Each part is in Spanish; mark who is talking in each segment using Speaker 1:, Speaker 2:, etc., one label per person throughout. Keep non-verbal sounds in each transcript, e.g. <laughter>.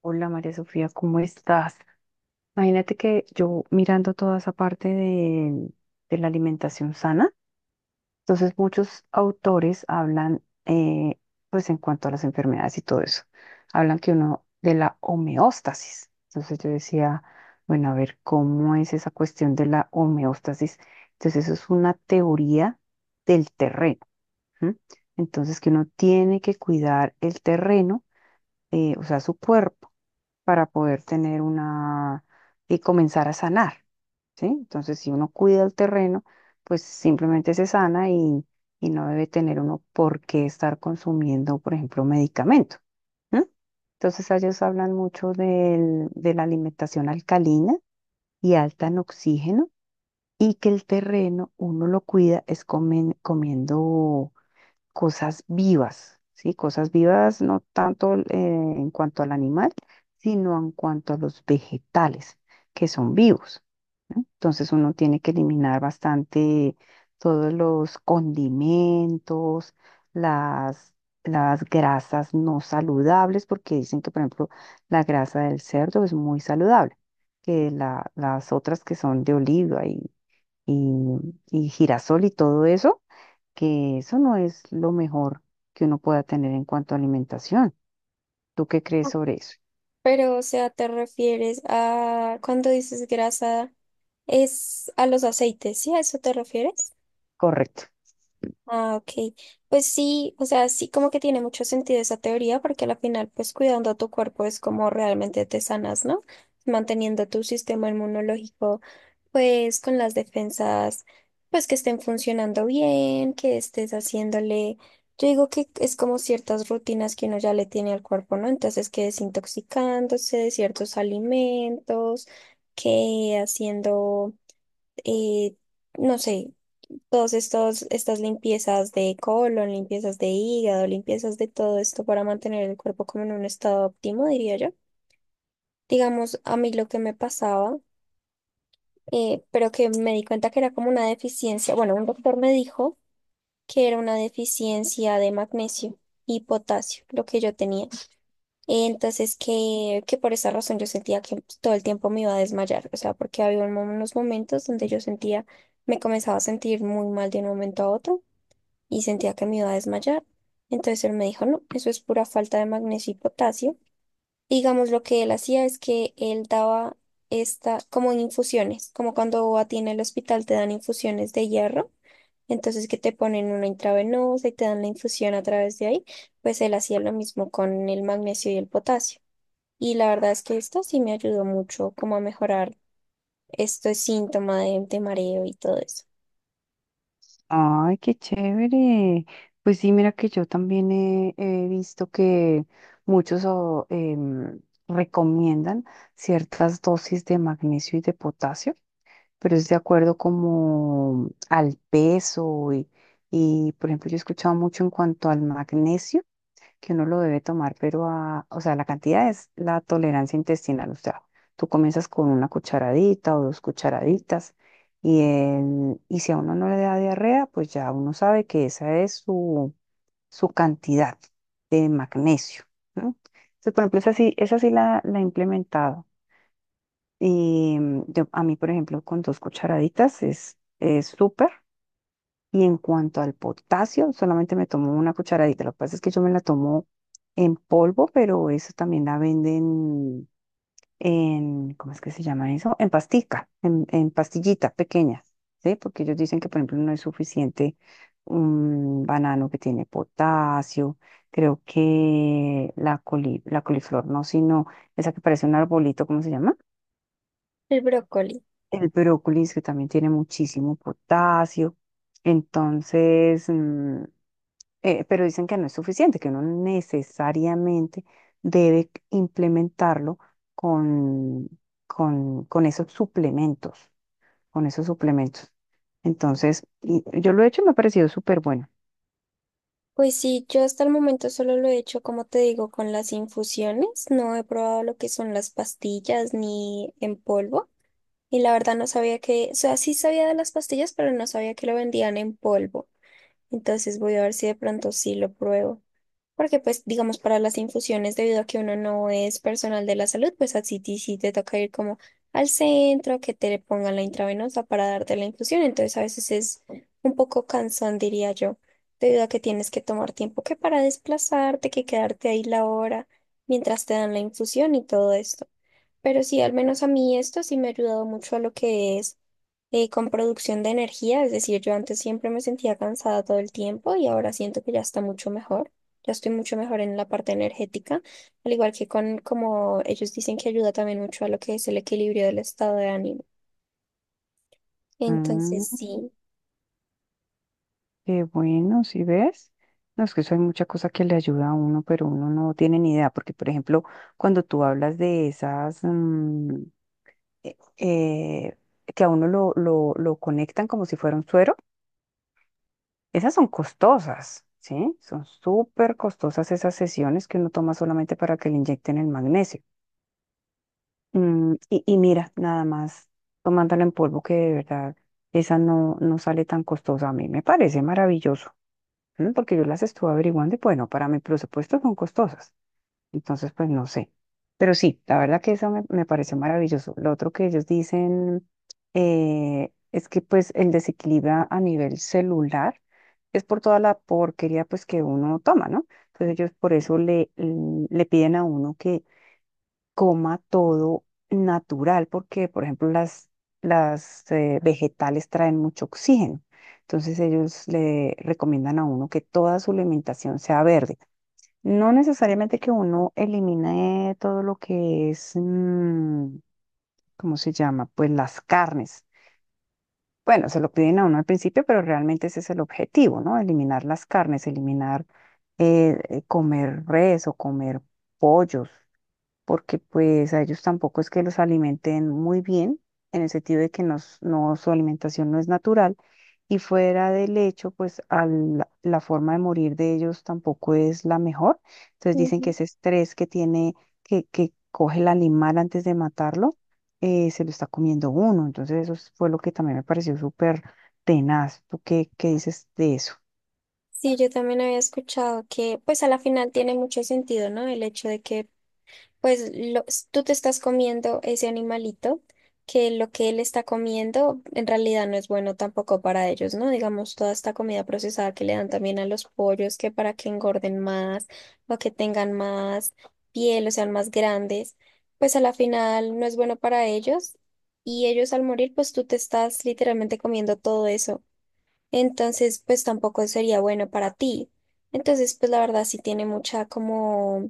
Speaker 1: Hola María Sofía, ¿cómo estás? Imagínate que yo mirando toda esa parte de la alimentación sana, entonces muchos autores hablan, pues en cuanto a las enfermedades y todo eso, hablan que uno de la homeostasis. Entonces yo decía, bueno, a ver, ¿cómo es esa cuestión de la homeostasis? Entonces eso es una teoría del terreno, ¿m? Entonces que uno tiene que cuidar el terreno, o sea, su cuerpo para poder tener una y comenzar a sanar, ¿sí? Entonces, si uno cuida el terreno, pues simplemente se sana y no debe tener uno por qué estar consumiendo, por ejemplo, medicamento. ¿No? Entonces, ellos hablan mucho de la alimentación alcalina y alta en oxígeno y que el terreno uno lo cuida es comiendo cosas vivas, ¿sí? Cosas vivas no tanto en cuanto al animal, sino en cuanto a los vegetales, que son vivos. Entonces uno tiene que eliminar bastante todos los condimentos, las, las grasas no saludables, porque dicen que, por ejemplo, la grasa del cerdo es muy saludable, que las otras que son de oliva y y girasol y todo eso, que eso no es lo mejor que uno pueda tener en cuanto a alimentación. ¿Tú qué crees sobre eso?
Speaker 2: Pero, o sea, te refieres a cuando dices grasa, es a los aceites, ¿sí? ¿A eso te refieres?
Speaker 1: Correcto.
Speaker 2: Ah, ok. Pues sí, o sea, sí como que tiene mucho sentido esa teoría porque al final pues cuidando a tu cuerpo es como realmente te sanas, ¿no? Manteniendo tu sistema inmunológico pues con las defensas pues que estén funcionando bien, que estés haciéndole, yo digo que es como ciertas rutinas que uno ya le tiene al cuerpo, ¿no? Entonces que desintoxicándose de ciertos alimentos, que haciendo, eh, no sé todas estos, estas limpiezas de colon, limpiezas de hígado, limpiezas de todo esto para mantener el cuerpo como en un estado óptimo, diría yo. Digamos, a mí lo que me pasaba, pero que me di cuenta que era como una deficiencia, bueno, un doctor me dijo que era una deficiencia de magnesio y potasio, lo que yo tenía. Entonces, que por esa razón yo sentía que todo el tiempo me iba a desmayar, o sea, porque había un unos momentos donde yo sentía, me comenzaba a sentir muy mal de un momento a otro y sentía que me iba a desmayar. Entonces él me dijo, no, eso es pura falta de magnesio y potasio. Y digamos, lo que él hacía es que él daba esta, como en infusiones, como cuando a ti en el hospital te dan infusiones de hierro, entonces que te ponen una intravenosa y te dan la infusión a través de ahí, pues él hacía lo mismo con el magnesio y el potasio. Y la verdad es que esto sí me ayudó mucho como a mejorar este síntoma de mareo y todo eso.
Speaker 1: Ay, qué chévere. Pues sí, mira que yo también he visto que muchos recomiendan ciertas dosis de magnesio y de potasio, pero es de acuerdo como al peso y, por ejemplo, yo he escuchado mucho en cuanto al magnesio, que uno lo debe tomar, pero o sea, la cantidad es la tolerancia intestinal, o sea, tú comienzas con una cucharadita o dos cucharaditas y si a uno no le da diarrea, pues ya uno sabe que esa es su cantidad de magnesio, ¿no? Entonces, por ejemplo, esa sí, la he implementado. Y a mí, por ejemplo, con dos cucharaditas es súper. Y en cuanto al potasio, solamente me tomo una cucharadita. Lo que pasa es que yo me la tomo en polvo, pero eso también la venden ¿cómo es que se llama eso? En pastica, en pastillitas pequeñas, ¿sí? Porque ellos dicen que, por ejemplo, no es suficiente un banano que tiene potasio. Creo que la coliflor, no, sino esa que parece un arbolito, ¿cómo se llama?
Speaker 2: El brócoli.
Speaker 1: El brócoli es que también tiene muchísimo potasio, entonces, pero dicen que no es suficiente, que uno necesariamente debe implementarlo con, con esos suplementos, con esos suplementos. Entonces, yo lo he hecho y me ha parecido súper bueno.
Speaker 2: Pues sí, yo hasta el momento solo lo he hecho, como te digo, con las infusiones. No he probado lo que son las pastillas ni en polvo. Y la verdad no sabía que, o sea, sí sabía de las pastillas, pero no sabía que lo vendían en polvo. Entonces voy a ver si de pronto sí lo pruebo. Porque pues digamos para las infusiones, debido a que uno no es personal de la salud, pues así ti sí te toca ir como al centro, que te pongan la intravenosa para darte la infusión. Entonces a veces es un poco cansón, diría yo, debido a que tienes que tomar tiempo que para desplazarte, que quedarte ahí la hora mientras te dan la infusión y todo esto. Pero sí, al menos a mí esto sí me ha ayudado mucho a lo que es con producción de energía. Es decir, yo antes siempre me sentía cansada todo el tiempo y ahora siento que ya está mucho mejor. Ya estoy mucho mejor en la parte energética, al igual que con como ellos dicen que ayuda también mucho a lo que es el equilibrio del estado de ánimo.
Speaker 1: Mm.
Speaker 2: Entonces, sí.
Speaker 1: Qué bueno, ¿si ves? No, es que eso hay mucha cosa que le ayuda a uno, pero uno no tiene ni idea, porque por ejemplo, cuando tú hablas de esas, eh, eh, que a uno lo conectan como si fuera un suero, esas son costosas, ¿sí? Son súper costosas esas sesiones que uno toma solamente para que le inyecten el magnesio. Y mira, nada más tomándolo en polvo, que de verdad esa no sale tan costosa. A mí me parece maravilloso. Porque yo las estuve averiguando y bueno, para mi presupuesto son costosas. Entonces, pues no sé. Pero sí, la verdad que eso me pareció maravilloso. Lo otro que ellos dicen es que pues el desequilibrio a nivel celular es por toda la porquería pues que uno toma, ¿no? Entonces ellos por eso le piden a uno que coma todo natural, porque, por ejemplo, las vegetales traen mucho oxígeno. Entonces ellos le recomiendan a uno que toda su alimentación sea verde. No necesariamente que uno elimine todo lo que es, ¿cómo se llama? Pues las carnes. Bueno, se lo piden a uno al principio, pero realmente ese es el objetivo, ¿no? Eliminar las carnes, eliminar comer res o comer pollos, porque pues a ellos tampoco es que los alimenten muy bien, en el sentido de que no, su alimentación no es natural, y fuera del hecho, pues la forma de morir de ellos tampoco es la mejor. Entonces dicen que
Speaker 2: Ujú.
Speaker 1: ese estrés que tiene, que coge el animal antes de matarlo, se lo está comiendo uno. Entonces eso fue lo que también me pareció súper tenaz. ¿Tú qué dices de eso?
Speaker 2: Sí, yo también había escuchado que, pues a la final tiene mucho sentido, ¿no? El hecho de que Pues tú te estás comiendo ese animalito, que lo que él está comiendo en realidad no es bueno tampoco para ellos, ¿no? Digamos, toda esta comida procesada que le dan también a los pollos, que para que engorden más o que tengan más piel o sean más grandes, pues a la final no es bueno para ellos y ellos al morir, pues tú te estás literalmente comiendo todo eso. Entonces, pues tampoco sería bueno para ti. Entonces, pues la verdad sí tiene mucha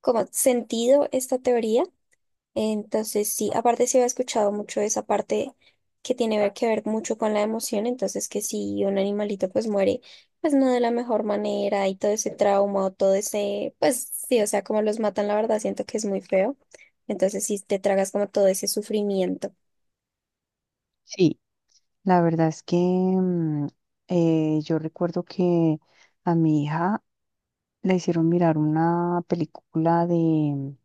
Speaker 2: como sentido esta teoría. Entonces, sí, aparte se había escuchado mucho esa parte que tiene que ver mucho con la emoción, entonces que si un animalito pues muere, pues no de la mejor manera y todo ese trauma o todo ese, pues sí, o sea, como los matan, la verdad, siento que es muy feo. Entonces, sí, te tragas como todo ese sufrimiento.
Speaker 1: Sí, la verdad es que yo recuerdo que a mi hija le hicieron mirar una película de,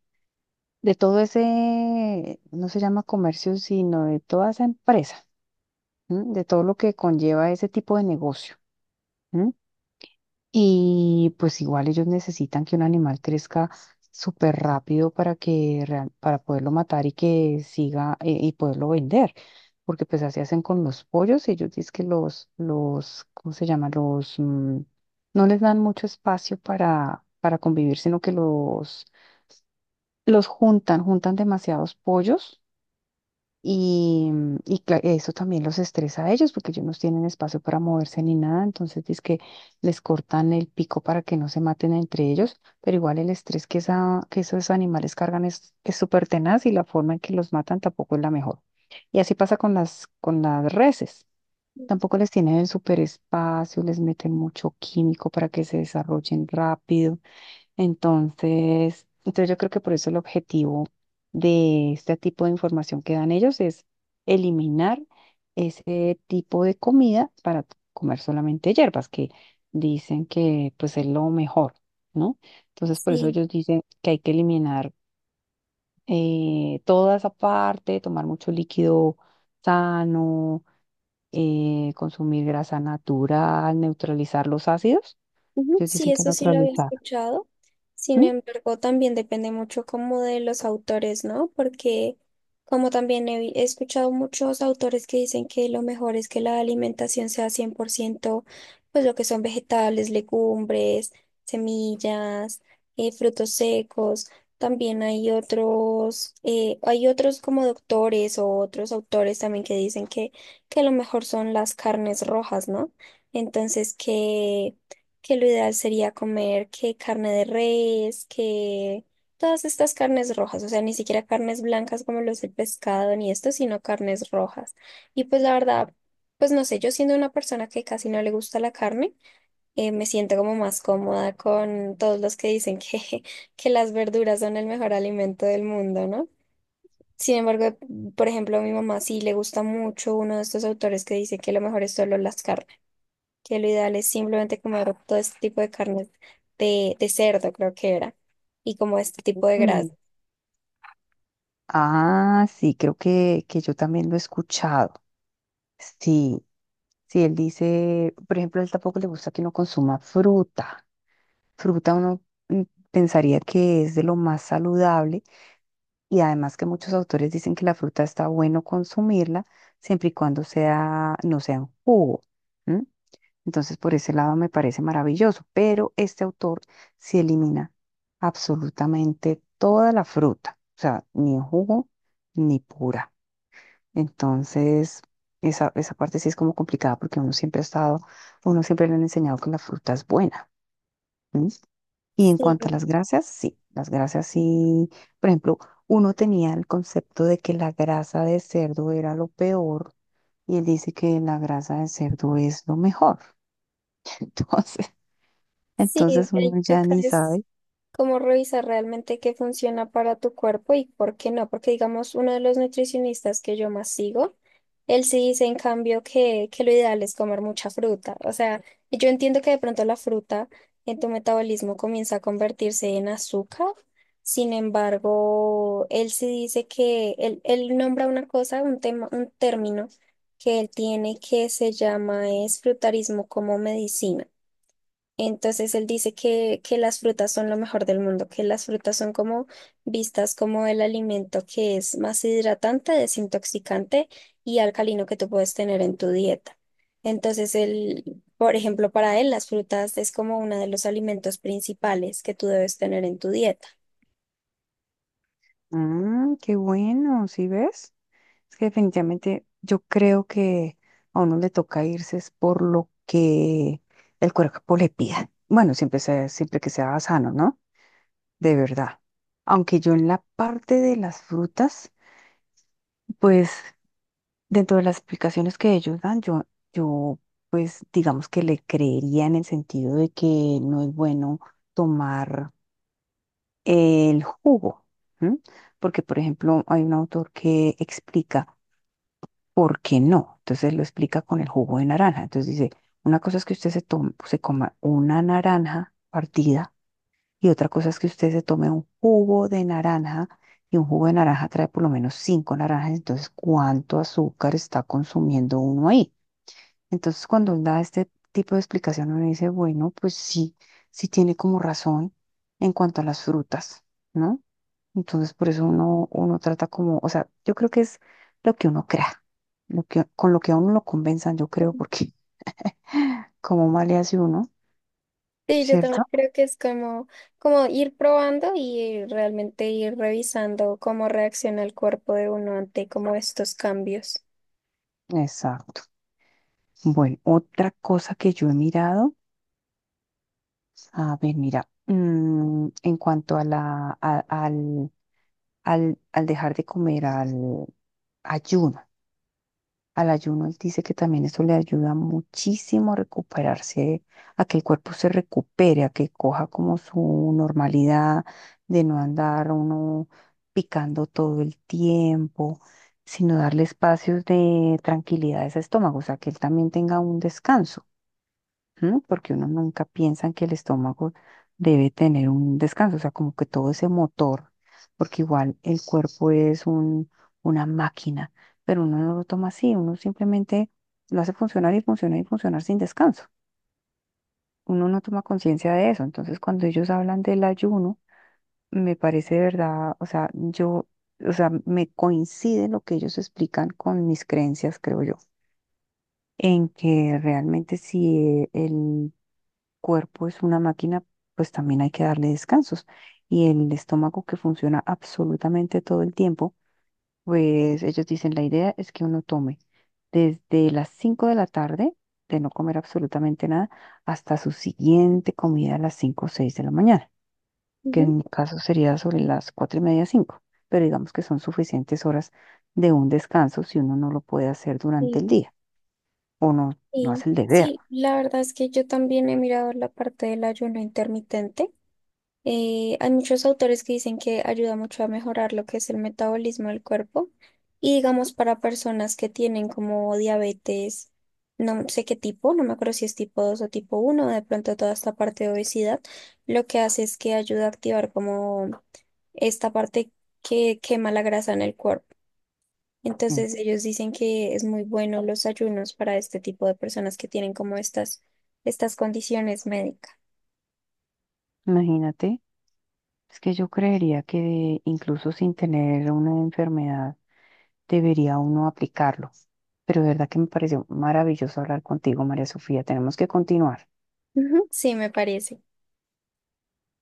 Speaker 1: de todo ese, no se llama comercio, sino de toda esa empresa, ¿m? De todo lo que conlleva ese tipo de negocio. ¿M? Y pues igual ellos necesitan que un animal crezca súper rápido para que para poderlo matar y que siga y poderlo vender. Porque pues así hacen con los pollos, ellos dicen que ¿cómo se llama? No les dan mucho espacio para convivir, sino que los juntan, juntan demasiados pollos y, eso también los estresa a ellos porque ellos no tienen espacio para moverse ni nada, entonces es que les cortan el pico para que no se maten entre ellos, pero igual el estrés que esos animales cargan es súper tenaz y la forma en que los matan tampoco es la mejor. Y así pasa con las reses. Tampoco les tienen el súper espacio, les meten mucho químico para que se desarrollen rápido. Entonces, yo creo que por eso el objetivo de este tipo de información que dan ellos es eliminar ese tipo de comida para comer solamente hierbas, que dicen que pues es lo mejor, ¿no? Entonces, por eso
Speaker 2: Sí.
Speaker 1: ellos dicen que hay que eliminar toda esa parte, tomar mucho líquido sano, consumir grasa natural, neutralizar los ácidos.
Speaker 2: Ujú,
Speaker 1: Ellos
Speaker 2: sí,
Speaker 1: dicen que
Speaker 2: eso sí lo había
Speaker 1: neutralizar.
Speaker 2: escuchado. Sin embargo, también depende mucho como de los autores, ¿no? Porque como también he escuchado muchos autores que dicen que lo mejor es que la alimentación sea 100% pues lo que son vegetales, legumbres, semillas, frutos secos. También hay otros como doctores o otros autores también que dicen que lo mejor son las carnes rojas, ¿no? Entonces que lo ideal sería comer que carne de res, que todas estas carnes rojas, o sea, ni siquiera carnes blancas como los del pescado ni esto, sino carnes rojas. Y pues la verdad, pues no sé, yo siendo una persona que casi no le gusta la carne, me siento como más cómoda con todos los que dicen que, <laughs> que las verduras son el mejor alimento del mundo, ¿no? Sin embargo, por ejemplo, a mi mamá sí le gusta mucho uno de estos autores que dice que lo mejor es solo las carnes que lo ideal es simplemente comer todo este tipo de carnes de cerdo, creo que era, y como este tipo de
Speaker 1: ¿M?
Speaker 2: grasa.
Speaker 1: Ah, sí, creo que yo también lo he escuchado. Sí, sí, él dice, por ejemplo, a él tampoco le gusta que uno consuma fruta. Fruta uno mm, pensaría que es de lo más saludable y además que muchos autores dicen que la fruta está bueno consumirla siempre y cuando no sea en jugo. ¿M? Entonces, por ese lado me parece maravilloso, pero este autor sí elimina absolutamente toda la fruta, o sea, ni en jugo ni pura. Entonces, esa parte sí es como complicada porque uno siempre ha estado, uno siempre le han enseñado que la fruta es buena. ¿M? Y en cuanto a
Speaker 2: Sí,
Speaker 1: las grasas sí, por ejemplo, uno tenía el concepto de que la grasa de cerdo era lo peor y él dice que la grasa de cerdo es lo mejor. <laughs> Entonces,
Speaker 2: sí,
Speaker 1: Entonces, uno
Speaker 2: ahí
Speaker 1: ya
Speaker 2: toca
Speaker 1: ni
Speaker 2: es
Speaker 1: sabe.
Speaker 2: cómo revisar realmente qué funciona para tu cuerpo y por qué no, porque digamos, uno de los nutricionistas que yo más sigo, él sí dice en cambio que lo ideal es comer mucha fruta. O sea, yo entiendo que de pronto la fruta en tu metabolismo comienza a convertirse en azúcar. Sin embargo, él sí dice que él nombra una cosa, un tema, un término que él tiene que se llama es frutarismo como medicina. Entonces él dice que las frutas son lo mejor del mundo, que las frutas son como vistas como el alimento que es más hidratante, desintoxicante y alcalino que tú puedes tener en tu dieta. Entonces él por ejemplo, para él las frutas es como uno de los alimentos principales que tú debes tener en tu dieta.
Speaker 1: Ah, qué bueno, ¿sí ves? Es que definitivamente yo creo que a uno le toca irse es por lo que el cuerpo le pida. Bueno, siempre que sea sano, ¿no? De verdad. Aunque yo en la parte de las frutas, pues dentro de las explicaciones que ellos dan, yo pues digamos que le creería en el sentido de que no es bueno tomar el jugo, ¿m? Porque, por ejemplo, hay un autor que explica por qué no. Entonces lo explica con el jugo de naranja. Entonces dice, una cosa es que usted se coma una naranja partida y otra cosa es que usted se tome un jugo de naranja y un jugo de naranja trae por lo menos cinco naranjas. Entonces, ¿cuánto azúcar está consumiendo uno ahí? Entonces, cuando él da este tipo de explicación, uno dice, bueno, pues sí, sí tiene como razón en cuanto a las frutas, ¿no? Entonces, por eso uno trata como, o sea, yo creo que es lo que uno crea, con lo que a uno lo convenzan, yo creo, porque <laughs> como mal le hace uno,
Speaker 2: Sí, yo también
Speaker 1: ¿cierto?
Speaker 2: creo que es como, como ir probando y realmente ir revisando cómo reacciona el cuerpo de uno ante como estos cambios.
Speaker 1: Exacto. Bueno, otra cosa que yo he mirado, a ver, mira, en cuanto a la, a- al, al, al dejar de comer, al ayuno. Al ayuno, él dice que también eso le ayuda muchísimo a recuperarse, a que el cuerpo se recupere, a que coja como su normalidad de no andar uno picando todo el tiempo, sino darle espacios de tranquilidad a ese estómago, o sea, que él también tenga un descanso. ¿M? Porque uno nunca piensa en que el estómago debe tener un descanso, o sea, como que todo ese motor, porque igual el cuerpo es una máquina, pero uno no lo toma así, uno simplemente lo hace funcionar y funcionar y funcionar sin descanso. Uno no toma conciencia de eso, entonces cuando ellos hablan del ayuno, me parece de verdad, o sea, me coincide lo que ellos explican con mis creencias, creo yo, en que realmente si el cuerpo es una máquina, pues también hay que darle descansos. Y el estómago que funciona absolutamente todo el tiempo, pues ellos dicen, la idea es que uno tome desde las 5 de la tarde, de no comer absolutamente nada, hasta su siguiente comida a las 5 o 6 de la mañana, que en mi caso sería sobre las 4 y media, 5, pero digamos que son suficientes horas de un descanso si uno no lo puede hacer durante el
Speaker 2: Ujú.
Speaker 1: día o no, no
Speaker 2: Sí,
Speaker 1: hace el deber.
Speaker 2: sí, la verdad es que yo también he mirado la parte del ayuno intermitente. Hay muchos autores que dicen que ayuda mucho a mejorar lo que es el metabolismo del cuerpo y digamos para personas que tienen como diabetes, no sé qué tipo, no me acuerdo si es tipo 2 o tipo 1. De pronto toda esta parte de obesidad, lo que hace es que ayuda a activar como esta parte que quema la grasa en el cuerpo.
Speaker 1: Sí,
Speaker 2: Entonces ellos dicen que es muy bueno los ayunos para este tipo de personas que tienen como estas, estas condiciones médicas.
Speaker 1: imagínate, es que yo creería que incluso sin tener una enfermedad debería uno aplicarlo. Pero de verdad que me pareció maravilloso hablar contigo, María Sofía. Tenemos que continuar.
Speaker 2: Ujú, sí, me parece.